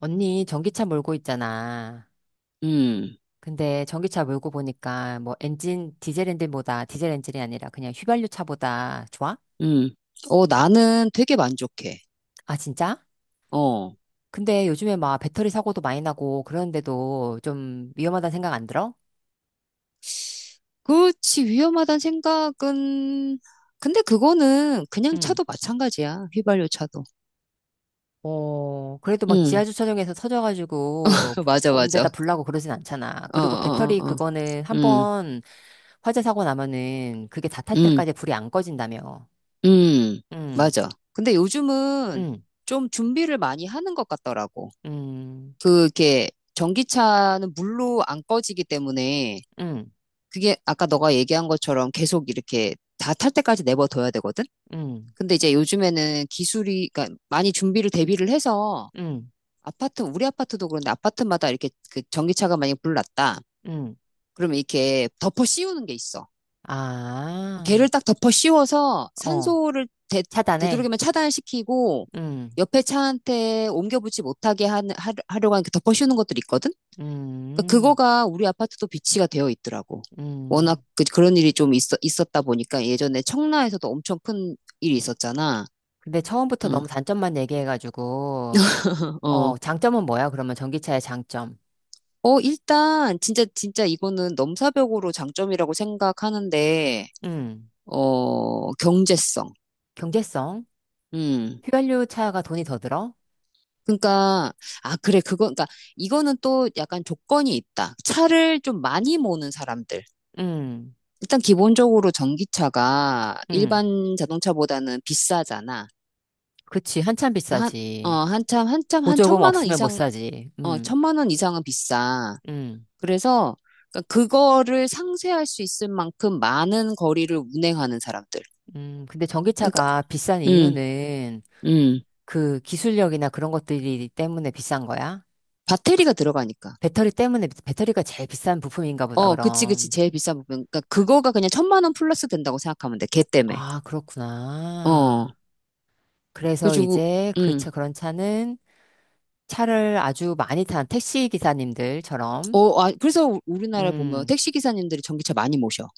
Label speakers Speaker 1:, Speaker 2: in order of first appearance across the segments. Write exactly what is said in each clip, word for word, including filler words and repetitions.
Speaker 1: 언니, 전기차 몰고 있잖아.
Speaker 2: 음,
Speaker 1: 근데 전기차 몰고 보니까 뭐 엔진, 디젤 엔진보다, 디젤 엔진이 아니라 그냥 휘발유 차보다 좋아?
Speaker 2: 음. 어, 나는 되게 만족해.
Speaker 1: 아, 진짜?
Speaker 2: 어.
Speaker 1: 근데 요즘에 막 배터리 사고도 많이 나고 그러는데도 좀 위험하다는 생각 안 들어?
Speaker 2: 그렇지, 위험하다는 생각은, 근데 그거는 그냥
Speaker 1: 응.
Speaker 2: 차도 마찬가지야. 휘발유 차도.
Speaker 1: 어, 그래도 막 지하
Speaker 2: 응,
Speaker 1: 주차장에서 터져가지고
Speaker 2: 맞아,
Speaker 1: 온
Speaker 2: 맞아.
Speaker 1: 데다 불나고 그러진 않잖아.
Speaker 2: 어,
Speaker 1: 그리고
Speaker 2: 어,
Speaker 1: 배터리
Speaker 2: 어, 어.
Speaker 1: 그거는 한
Speaker 2: 음,
Speaker 1: 번 화재 사고 나면은 그게 다 탈
Speaker 2: 음,
Speaker 1: 때까지 불이 안 꺼진다며.
Speaker 2: 음.
Speaker 1: 응,
Speaker 2: 맞아. 근데 요즘은
Speaker 1: 응,
Speaker 2: 좀 준비를 많이 하는 것 같더라고.
Speaker 1: 응,
Speaker 2: 그게, 전기차는 물로 안 꺼지기 때문에,
Speaker 1: 응,
Speaker 2: 그게 아까 너가 얘기한 것처럼 계속 이렇게 다 탈 때까지 내버려둬야 되거든?
Speaker 1: 응.
Speaker 2: 근데 이제 요즘에는 기술이, 그러니까 많이 준비를 대비를 해서
Speaker 1: 응.
Speaker 2: 아파트, 우리 아파트도 그런데 아파트마다 이렇게 그 전기차가 만약에 불났다.
Speaker 1: 응.
Speaker 2: 그러면 이렇게 덮어 씌우는 게 있어. 걔를
Speaker 1: 아,
Speaker 2: 딱 덮어 씌워서
Speaker 1: 어,
Speaker 2: 산소를 되,
Speaker 1: 차단해.
Speaker 2: 되도록이면 차단시키고
Speaker 1: 응.
Speaker 2: 옆에 차한테 옮겨붙지 못하게 하, 하, 하려고 하는 그 덮어 씌우는 것들이 있거든? 그러니까
Speaker 1: 음,
Speaker 2: 그거가 우리 아파트도 비치가 되어 있더라고. 워낙
Speaker 1: 음.
Speaker 2: 그, 그런 일이 좀 있어, 있었다 보니까 예전에 청라에서도 엄청 큰 일이 있었잖아.
Speaker 1: 근데 처음부터
Speaker 2: 응,
Speaker 1: 너무 단점만 얘기해가지고, 어,
Speaker 2: 어.
Speaker 1: 장점은 뭐야? 그러면 전기차의 장점.
Speaker 2: 어, 일단, 진짜, 진짜 이거는 넘사벽으로 장점이라고 생각하는데,
Speaker 1: 응.
Speaker 2: 어, 경제성.
Speaker 1: 경제성?
Speaker 2: 음.
Speaker 1: 휘발유 차가 돈이 더 들어?
Speaker 2: 그러니까, 아, 그래, 그거, 그러니까, 이거는 또 약간 조건이 있다. 차를 좀 많이 모는 사람들.
Speaker 1: 응.
Speaker 2: 일단, 기본적으로 전기차가
Speaker 1: 응.
Speaker 2: 일반 자동차보다는 비싸잖아.
Speaker 1: 그치, 한참
Speaker 2: 어,
Speaker 1: 비싸지.
Speaker 2: 한참, 한참, 한
Speaker 1: 보조금
Speaker 2: 천만 원
Speaker 1: 없으면 못
Speaker 2: 이상,
Speaker 1: 사지.
Speaker 2: 어,
Speaker 1: 응.
Speaker 2: 천만 원 이상은 비싸.
Speaker 1: 응.
Speaker 2: 그래서, 그러니까 그거를 상쇄할 수 있을 만큼 많은 거리를 운행하는 사람들.
Speaker 1: 응. 근데
Speaker 2: 그러니까,
Speaker 1: 전기차가 비싼
Speaker 2: 음.
Speaker 1: 이유는
Speaker 2: 음.
Speaker 1: 그 기술력이나 그런 것들이 때문에 비싼 거야?
Speaker 2: 배터리가 들어가니까.
Speaker 1: 배터리 때문에 배터리가 제일 비싼 부품인가 보다,
Speaker 2: 어, 그치, 그치.
Speaker 1: 그럼.
Speaker 2: 제일 비싼 부분. 그러니까 그거가 그냥 천만 원 플러스 된다고 생각하면 돼. 걔 때문에.
Speaker 1: 아,
Speaker 2: 어.
Speaker 1: 그렇구나. 그래서
Speaker 2: 그래가지고,
Speaker 1: 이제 그 차,
Speaker 2: 음.
Speaker 1: 그런 차는 차를 아주 많이 탄 택시 기사님들처럼,
Speaker 2: 어, 아, 그래서 우- 우리나라에 보면
Speaker 1: 음,
Speaker 2: 택시 기사님들이 전기차 많이 모셔.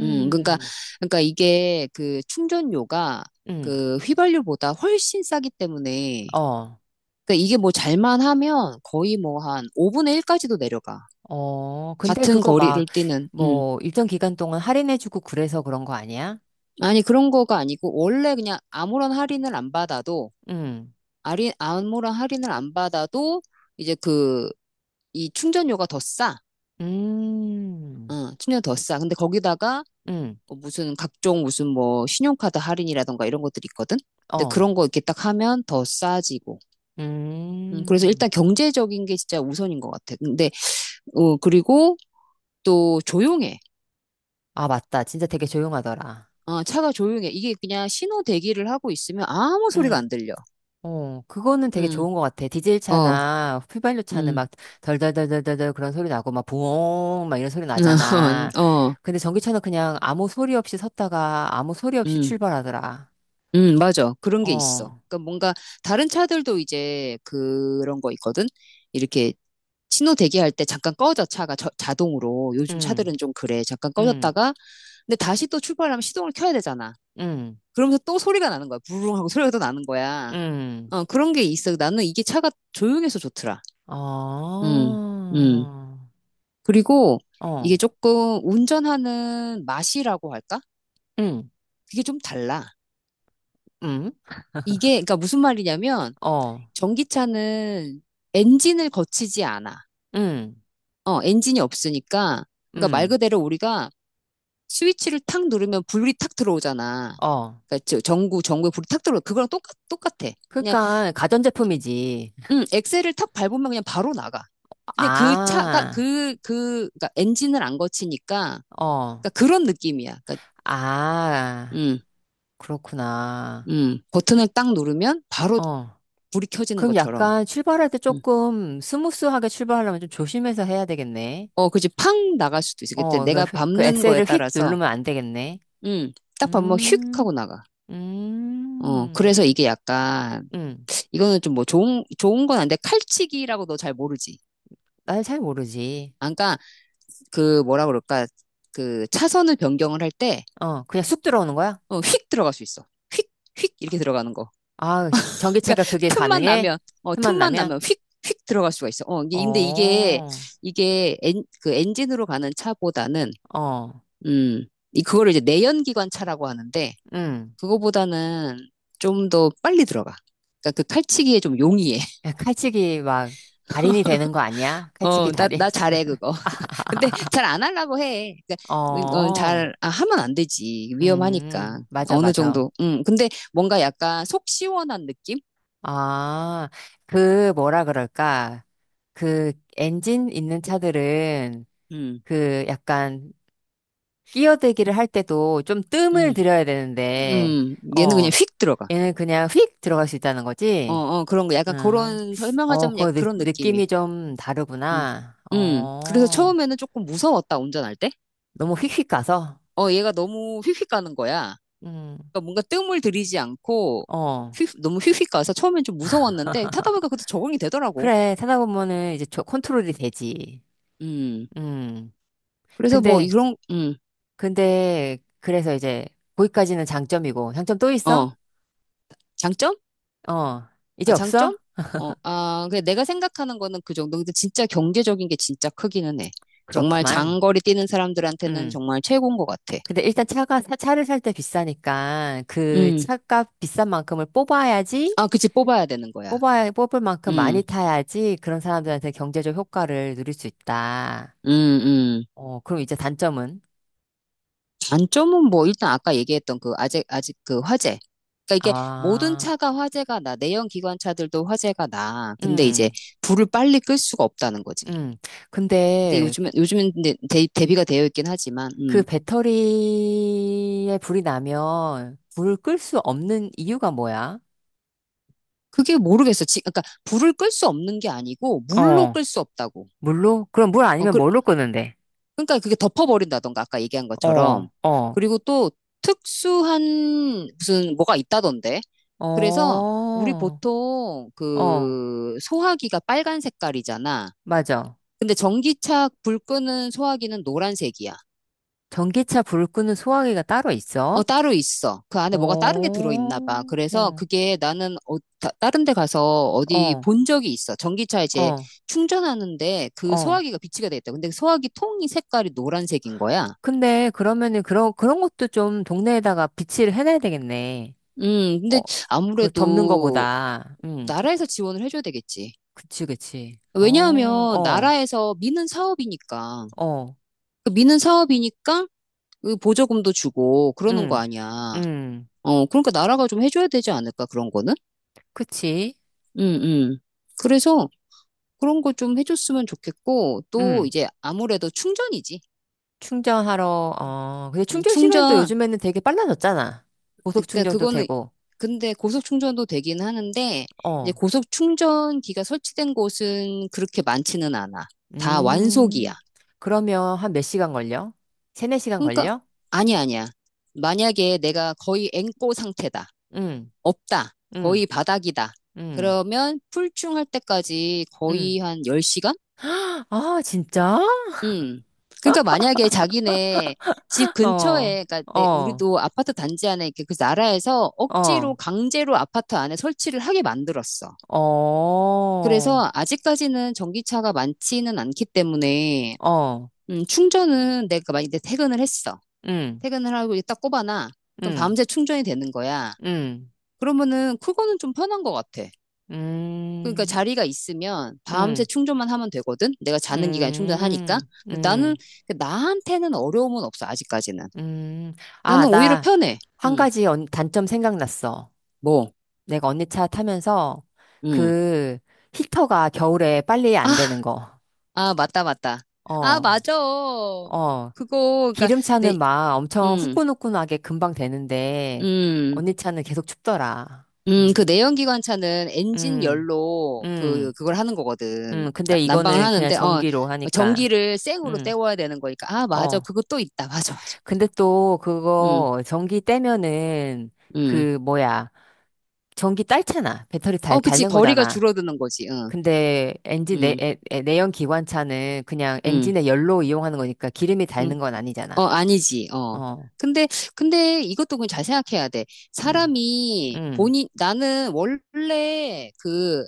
Speaker 2: 음, 그러니까, 그러니까 이게 그 충전료가
Speaker 1: 음,
Speaker 2: 그 휘발유보다 훨씬 싸기 때문에,
Speaker 1: 어,
Speaker 2: 그러니까 이게 뭐 잘만 하면 거의 뭐 한 오 분의 일까지도 내려가.
Speaker 1: 어. 근데
Speaker 2: 같은
Speaker 1: 그거
Speaker 2: 거리를
Speaker 1: 막,
Speaker 2: 뛰는, 음.
Speaker 1: 뭐, 일정 기간 동안 할인해주고 그래서 그런 거 아니야?
Speaker 2: 아니, 그런 거가 아니고, 원래 그냥 아무런 할인을 안 받아도
Speaker 1: 음,
Speaker 2: 할인, 암호랑 할인을 안 받아도 이제 그, 이 충전료가 더 싸.
Speaker 1: 음,
Speaker 2: 응, 충전료 더 싸. 근데 거기다가
Speaker 1: 음,
Speaker 2: 어, 무슨 각종 무슨 뭐 신용카드 할인이라던가 이런 것들이 있거든? 근데
Speaker 1: 어,
Speaker 2: 그런 거 이렇게 딱 하면 더 싸지고. 음, 그래서
Speaker 1: 음.
Speaker 2: 일단 경제적인 게 진짜 우선인 것 같아. 근데, 어, 그리고 또 조용해.
Speaker 1: 아, 맞다. 진짜 되게 조용하더라.
Speaker 2: 어, 차가 조용해. 이게 그냥 신호 대기를 하고 있으면 아무 소리가
Speaker 1: 음.
Speaker 2: 안 들려.
Speaker 1: 어, 그거는 되게
Speaker 2: 음,
Speaker 1: 좋은 것 같아. 디젤
Speaker 2: 어,
Speaker 1: 차나 휘발유 차는
Speaker 2: 음,
Speaker 1: 막 덜덜덜덜덜 그런 소리 나고 막 부엉 막 이런 소리 나잖아.
Speaker 2: 어,
Speaker 1: 근데 전기차는 그냥 아무 소리 없이 섰다가 아무 소리 없이
Speaker 2: 음.
Speaker 1: 출발하더라.
Speaker 2: 음, 맞아. 그런 게
Speaker 1: 어,
Speaker 2: 있어. 그러니까 뭔가 다른 차들도 이제 그런 거 있거든. 이렇게 신호 대기할 때 잠깐 꺼져 차가 저- 자동으로. 요즘
Speaker 1: 응,
Speaker 2: 차들은 좀 그래. 잠깐
Speaker 1: 응,
Speaker 2: 꺼졌다가 근데 다시 또 출발하면 시동을 켜야 되잖아.
Speaker 1: 응,
Speaker 2: 그러면서 또 소리가 나는 거야. 부르릉 하고 소리가 또 나는 거야.
Speaker 1: 응.
Speaker 2: 어, 그런 게 있어. 나는 이게 차가 조용해서 좋더라.
Speaker 1: 어,
Speaker 2: 음, 음.
Speaker 1: 어,
Speaker 2: 그리고 이게 조금 운전하는 맛이라고 할까?
Speaker 1: 응,
Speaker 2: 그게 좀 달라.
Speaker 1: 응,
Speaker 2: 이게 그러니까 무슨 말이냐면
Speaker 1: 어,
Speaker 2: 전기차는 엔진을 거치지 않아.
Speaker 1: 응,
Speaker 2: 어, 엔진이 없으니까. 그러니까 말
Speaker 1: 응,
Speaker 2: 그대로 우리가 스위치를 탁 누르면 불이 탁 들어오잖아.
Speaker 1: 어.
Speaker 2: 그러니까 저- 전구, 전구에 불이 탁 들어오. 그거랑 똑같, 똑같아. 그냥,
Speaker 1: 그러니까 가전제품이지.
Speaker 2: 음, 엑셀을 탁 밟으면 그냥 바로 나가. 그냥 그 차가,
Speaker 1: 아,
Speaker 2: 그, 그, 그러니까 엔진을 안 거치니까.
Speaker 1: 어,
Speaker 2: 그러니까 그런 느낌이야. 그러니까,
Speaker 1: 아.
Speaker 2: 음,
Speaker 1: 그렇구나.
Speaker 2: 음, 버튼을 딱 누르면 바로
Speaker 1: 어.
Speaker 2: 불이 켜지는
Speaker 1: 그럼
Speaker 2: 것처럼.
Speaker 1: 약간 출발할 때
Speaker 2: 음.
Speaker 1: 조금 스무스하게 출발하려면 좀 조심해서 해야 되겠네.
Speaker 2: 어, 그지. 팡 나갈 수도 있어. 그때
Speaker 1: 어, 그,
Speaker 2: 내가
Speaker 1: 휘- 그
Speaker 2: 밟는 거에
Speaker 1: 엑셀을 휙
Speaker 2: 따라서.
Speaker 1: 누르면 안 되겠네.
Speaker 2: 응, 딱 보면 휙
Speaker 1: 음,
Speaker 2: 하고 나가. 어,
Speaker 1: 음,
Speaker 2: 그래서 이게 약간,
Speaker 1: 음.
Speaker 2: 이거는 좀 뭐 좋은, 좋은 건 아닌데, 칼치기라고 너 잘 모르지.
Speaker 1: 날 잘 모르지.
Speaker 2: 아, 그러니까, 그 뭐라 그럴까, 그 차선을 변경을 할 때,
Speaker 1: 어, 그냥 쑥 들어오는 거야?
Speaker 2: 어, 휙 들어갈 수 있어. 휙, 휙 이렇게 들어가는 거.
Speaker 1: 아,
Speaker 2: 그러니까,
Speaker 1: 전기차가 그게
Speaker 2: 틈만
Speaker 1: 가능해?
Speaker 2: 나면, 어,
Speaker 1: 틈만
Speaker 2: 틈만
Speaker 1: 나면?
Speaker 2: 나면 휙, 휙 들어갈 수가 있어. 어, 이게- 근데 이게,
Speaker 1: 어,
Speaker 2: 이게 엔, 그 엔진으로 가는 차보다는,
Speaker 1: 어,
Speaker 2: 음, 이, 그거를 이제 내연기관 차라고 하는데,
Speaker 1: 음.
Speaker 2: 그거보다는 좀 더 빨리 들어가. 그러니까 그 칼치기에 좀 용이해.
Speaker 1: 야, 칼치기 막 달인이 되는 거 아니야? 칼치기
Speaker 2: 어, 나,
Speaker 1: 달인.
Speaker 2: 나 잘해, 그거. 근데 잘 안 하려고 해. 그러니까, 어,
Speaker 1: 어.
Speaker 2: 잘, 아, 하면 안 되지. 위험하니까.
Speaker 1: 음, 맞아,
Speaker 2: 어느
Speaker 1: 맞아.
Speaker 2: 정도. 음, 근데 뭔가 약간 속 시원한 느낌?
Speaker 1: 아, 그, 뭐라 그럴까. 그, 엔진 있는 차들은,
Speaker 2: 음,
Speaker 1: 그, 약간, 끼어들기를 할 때도 좀 뜸을
Speaker 2: 음,
Speaker 1: 들여야 되는데,
Speaker 2: 음. 얘는 그냥
Speaker 1: 어,
Speaker 2: 휙 들어가.
Speaker 1: 얘는 그냥 휙 들어갈 수 있다는
Speaker 2: 어,
Speaker 1: 거지?
Speaker 2: 어, 그런 거. 약간
Speaker 1: 응.
Speaker 2: 그런,
Speaker 1: 어,
Speaker 2: 설명하자면 약간
Speaker 1: 그 느,
Speaker 2: 그런 느낌이.
Speaker 1: 느낌이 좀
Speaker 2: 음,
Speaker 1: 다르구나.
Speaker 2: 음. 그래서
Speaker 1: 어,
Speaker 2: 처음에는 조금 무서웠다, 운전할 때.
Speaker 1: 너무 휙휙 가서?
Speaker 2: 어, 얘가 너무 휙휙 가는 거야.
Speaker 1: 음,
Speaker 2: 그러니까 뭔가 뜸을 들이지 않고,
Speaker 1: 어.
Speaker 2: 휙, 너무 휙휙 가서 처음엔 좀 무서웠는데, 타다 보니까 그래도 적응이 되더라고.
Speaker 1: 그래, 타다 보면은 이제 저 컨트롤이 되지.
Speaker 2: 음.
Speaker 1: 음.
Speaker 2: 그래서 뭐
Speaker 1: 근데,
Speaker 2: 이런 음,
Speaker 1: 근데 그래서 이제 거기까지는 장점이고 장점 또 있어?
Speaker 2: 어. 장점?
Speaker 1: 어, 이제
Speaker 2: 아,
Speaker 1: 없어?
Speaker 2: 장점? 어, 아, 그 내가 생각하는 거는 그 정도. 근데 진짜 경제적인 게 진짜 크기는 해. 정말
Speaker 1: 그렇구만.
Speaker 2: 장거리 뛰는 사람들한테는
Speaker 1: 음.
Speaker 2: 정말 최고인 것 같아.
Speaker 1: 근데 일단 차가 사- 차를 살 때 비싸니까 그
Speaker 2: 음.
Speaker 1: 차값 비싼 만큼을 뽑아야지
Speaker 2: 아, 그치, 뽑아야 되는 거야.
Speaker 1: 뽑아 뽑을 만큼
Speaker 2: 음,
Speaker 1: 많이 타야지 그런 사람들한테 경제적 효과를 누릴 수 있다.
Speaker 2: 음, 음.
Speaker 1: 어, 그럼 이제 단점은.
Speaker 2: 단점은 뭐, 일단 아까 얘기했던 그, 아직, 아직 그 화재. 그러니까 이게 모든
Speaker 1: 아,
Speaker 2: 차가 화재가 나. 내연 기관차들도 화재가 나. 근데 이제
Speaker 1: 음,
Speaker 2: 불을 빨리 끌 수가 없다는 거지.
Speaker 1: 음.
Speaker 2: 근데
Speaker 1: 근데
Speaker 2: 요즘엔, 요즘엔 근데 대, 대비가 되어 있긴 하지만,
Speaker 1: 그
Speaker 2: 음.
Speaker 1: 배터리에 불이 나면 불을 끌 수 없는 이유가 뭐야?
Speaker 2: 그게 모르겠어. 지, 그러니까 불을 끌 수 없는 게 아니고 물로
Speaker 1: 어.
Speaker 2: 끌 수 없다고.
Speaker 1: 물로? 그럼 물
Speaker 2: 어,
Speaker 1: 아니면
Speaker 2: 그,
Speaker 1: 뭘로 끄는데?
Speaker 2: 그러니까 그게 덮어버린다던가 아까 얘기한 것처럼.
Speaker 1: 어, 어,
Speaker 2: 그리고 또 특수한 무슨 뭐가 있다던데. 그래서 우리
Speaker 1: 어,
Speaker 2: 보통
Speaker 1: 어,
Speaker 2: 그 소화기가 빨간 색깔이잖아.
Speaker 1: 맞아.
Speaker 2: 근데 전기차 불 끄는 소화기는 노란색이야.
Speaker 1: 전기차 불을 끄는 소화기가 따로
Speaker 2: 어,
Speaker 1: 있어?
Speaker 2: 따로 있어. 그 안에 뭐가 다른 게
Speaker 1: 어,
Speaker 2: 들어있나 봐. 그래서
Speaker 1: 어,
Speaker 2: 그게 나는 어, 다, 다른 데 가서 어디
Speaker 1: 어,
Speaker 2: 본 적이 있어. 전기차 이제
Speaker 1: 어.
Speaker 2: 충전하는데 그
Speaker 1: 어.
Speaker 2: 소화기가 비치가 돼 있다. 근데 그 소화기 통이 색깔이 노란색인 거야.
Speaker 1: 근데 그러면은 그런, 그런 것도 좀 동네에다가 비치를 해놔야 되겠네.
Speaker 2: 음, 근데
Speaker 1: 어, 그 덮는
Speaker 2: 아무래도
Speaker 1: 거보다. 응,
Speaker 2: 나라에서 지원을 해줘야 되겠지.
Speaker 1: 그치, 그치. 어,
Speaker 2: 왜냐하면
Speaker 1: 어,
Speaker 2: 나라에서 미는 사업이니까.
Speaker 1: 어,
Speaker 2: 그 미는 사업이니까 그 보조금도 주고 그러는 거
Speaker 1: 응,
Speaker 2: 아니야.
Speaker 1: 응,
Speaker 2: 어, 그러니까 나라가 좀 해줘야 되지 않을까, 그런 거는?
Speaker 1: 그치.
Speaker 2: 음, 음. 그래서 그런 거 좀 해줬으면 좋겠고, 또
Speaker 1: 응.
Speaker 2: 이제 아무래도 충전이지.
Speaker 1: 충전하러, 어, 근데
Speaker 2: 음,
Speaker 1: 충전 시간도
Speaker 2: 충전.
Speaker 1: 요즘에는 되게 빨라졌잖아. 고속
Speaker 2: 그러니까
Speaker 1: 충전도
Speaker 2: 그거는,
Speaker 1: 되고,
Speaker 2: 근데 고속 충전도 되긴 하는데, 이제
Speaker 1: 어,
Speaker 2: 고속 충전기가 설치된 곳은 그렇게 많지는 않아. 다 완속이야.
Speaker 1: 음, 그러면 한 몇 시간 걸려? 세네 시간
Speaker 2: 그러니까,
Speaker 1: 걸려?
Speaker 2: 아니야, 아니야. 만약에 내가 거의 앵꼬 상태다.
Speaker 1: 응,
Speaker 2: 없다.
Speaker 1: 응,
Speaker 2: 거의 바닥이다.
Speaker 1: 응,
Speaker 2: 그러면 풀충할 때까지
Speaker 1: 응.
Speaker 2: 거의 한 열 시간?
Speaker 1: 아, 진짜?
Speaker 2: 음. 그러니까 만약에 자기네 집
Speaker 1: 어,
Speaker 2: 근처에, 그러니까 내-
Speaker 1: 어,
Speaker 2: 우리도 아파트 단지 안에 이렇게 그 나라에서 억지로
Speaker 1: 어,
Speaker 2: 강제로 아파트 안에 설치를 하게 만들었어.
Speaker 1: 어,
Speaker 2: 그래서 아직까지는 전기차가 많지는 않기 때문에
Speaker 1: 어,
Speaker 2: 음, 충전은 내가 만약에 퇴근을 했어.
Speaker 1: 응,
Speaker 2: 퇴근을 하고 이제 딱 꼽아놔. 그럼
Speaker 1: 응,
Speaker 2: 밤새 충전이 되는 거야.
Speaker 1: 응,
Speaker 2: 그러면은 그거는 좀 편한 것 같아. 그러니까
Speaker 1: 음,
Speaker 2: 자리가 있으면 밤새
Speaker 1: 응,
Speaker 2: 충전만 하면 되거든. 내가 자는 기간에 충전하니까.
Speaker 1: 음,
Speaker 2: 근데 나는
Speaker 1: 음,
Speaker 2: 나한테는 어려움은 없어, 아직까지는.
Speaker 1: 음. 아,
Speaker 2: 나는 오히려
Speaker 1: 나
Speaker 2: 편해.
Speaker 1: 한
Speaker 2: 응,
Speaker 1: 가지 언- 단점 생각났어.
Speaker 2: 뭐,
Speaker 1: 내가 언니 차 타면서
Speaker 2: 응.
Speaker 1: 그 히터가 겨울에 빨리 안
Speaker 2: 아,
Speaker 1: 되는 거.
Speaker 2: 아, 맞다, 맞다. 아,
Speaker 1: 어,
Speaker 2: 맞아.
Speaker 1: 어.
Speaker 2: 그거, 그니까, 내,
Speaker 1: 기름차는 막 엄청
Speaker 2: 음,
Speaker 1: 후끈후끈하게 금방 되는데
Speaker 2: 음,
Speaker 1: 언니 차는 계속 춥더라.
Speaker 2: 음, 그
Speaker 1: 음,
Speaker 2: 내연기관차는 엔진
Speaker 1: 음,
Speaker 2: 열로
Speaker 1: 음,
Speaker 2: 그, 그걸 하는 거거든.
Speaker 1: 음.
Speaker 2: 나-
Speaker 1: 근데
Speaker 2: 난방을
Speaker 1: 이거는 그냥
Speaker 2: 하는데, 어,
Speaker 1: 전기로 하니까.
Speaker 2: 전기를 생으로
Speaker 1: 음,
Speaker 2: 때워야 되는 거니까. 아, 맞아.
Speaker 1: 어.
Speaker 2: 그거 또 있다. 맞아, 맞아.
Speaker 1: 근데 또
Speaker 2: 음,
Speaker 1: 그거 전기 떼면은
Speaker 2: 음.
Speaker 1: 그 뭐야. 전기 딸잖아. 배터리 달,
Speaker 2: 어, 그치.
Speaker 1: 닳는
Speaker 2: 거리가
Speaker 1: 거잖아.
Speaker 2: 줄어드는 거지.
Speaker 1: 근데 엔진 내,
Speaker 2: 응,
Speaker 1: 에- 에- 내연 기관차는 그냥
Speaker 2: 응,
Speaker 1: 엔진의 열로 이용하는 거니까 기름이
Speaker 2: 응.
Speaker 1: 닳는 건 아니잖아.
Speaker 2: 어, 아니지, 어.
Speaker 1: 어,
Speaker 2: 근데, 근데 이것도 그냥 잘 생각해야 돼.
Speaker 1: 음,
Speaker 2: 사람이
Speaker 1: 음.
Speaker 2: 본인, 나는 원래 그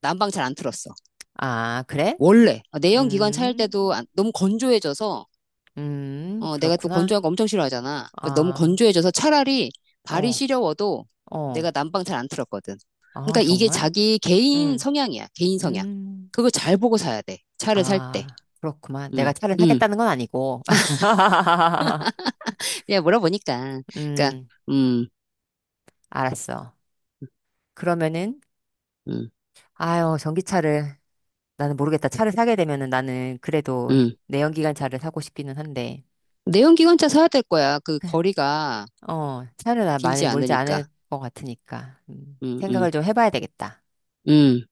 Speaker 2: 난방 잘 안 틀었어.
Speaker 1: 아, 그래?
Speaker 2: 원래. 어, 내연기관 차일 때도
Speaker 1: 음,
Speaker 2: 안- 너무 건조해져서,
Speaker 1: 음,
Speaker 2: 어, 내가 또
Speaker 1: 그렇구나.
Speaker 2: 건조한 거 엄청 싫어하잖아. 그 너무
Speaker 1: 아,
Speaker 2: 건조해져서 차라리 발이
Speaker 1: 어,
Speaker 2: 시려워도
Speaker 1: 어,
Speaker 2: 내가 난방 잘 안 틀었거든.
Speaker 1: 아,
Speaker 2: 그러니까 이게
Speaker 1: 정말?
Speaker 2: 자기 개인
Speaker 1: 음,
Speaker 2: 성향이야. 개인 성향.
Speaker 1: 음,
Speaker 2: 그걸 잘 보고 사야 돼. 차를 살 때.
Speaker 1: 아, 그렇구만. 내가
Speaker 2: 음,
Speaker 1: 차를
Speaker 2: 음.
Speaker 1: 사겠다는 건 아니고.
Speaker 2: 그냥 물어보니까. 그러니까,
Speaker 1: 음,
Speaker 2: 음,
Speaker 1: 알았어. 그러면은,
Speaker 2: 음,
Speaker 1: 아유, 전기차를. 나는 모르겠다. 차를 사게 되면은 나는 그래도
Speaker 2: 음.
Speaker 1: 내연기관 차를 사고 싶기는 한데,
Speaker 2: 내연기관차 사야 될 거야. 그 거리가
Speaker 1: 어, 차를 나 많이
Speaker 2: 길지
Speaker 1: 몰지 않을
Speaker 2: 않으니까.
Speaker 1: 것 같으니까, 음,
Speaker 2: 음, 음,
Speaker 1: 생각을 좀 해봐야 되겠다.
Speaker 2: 음.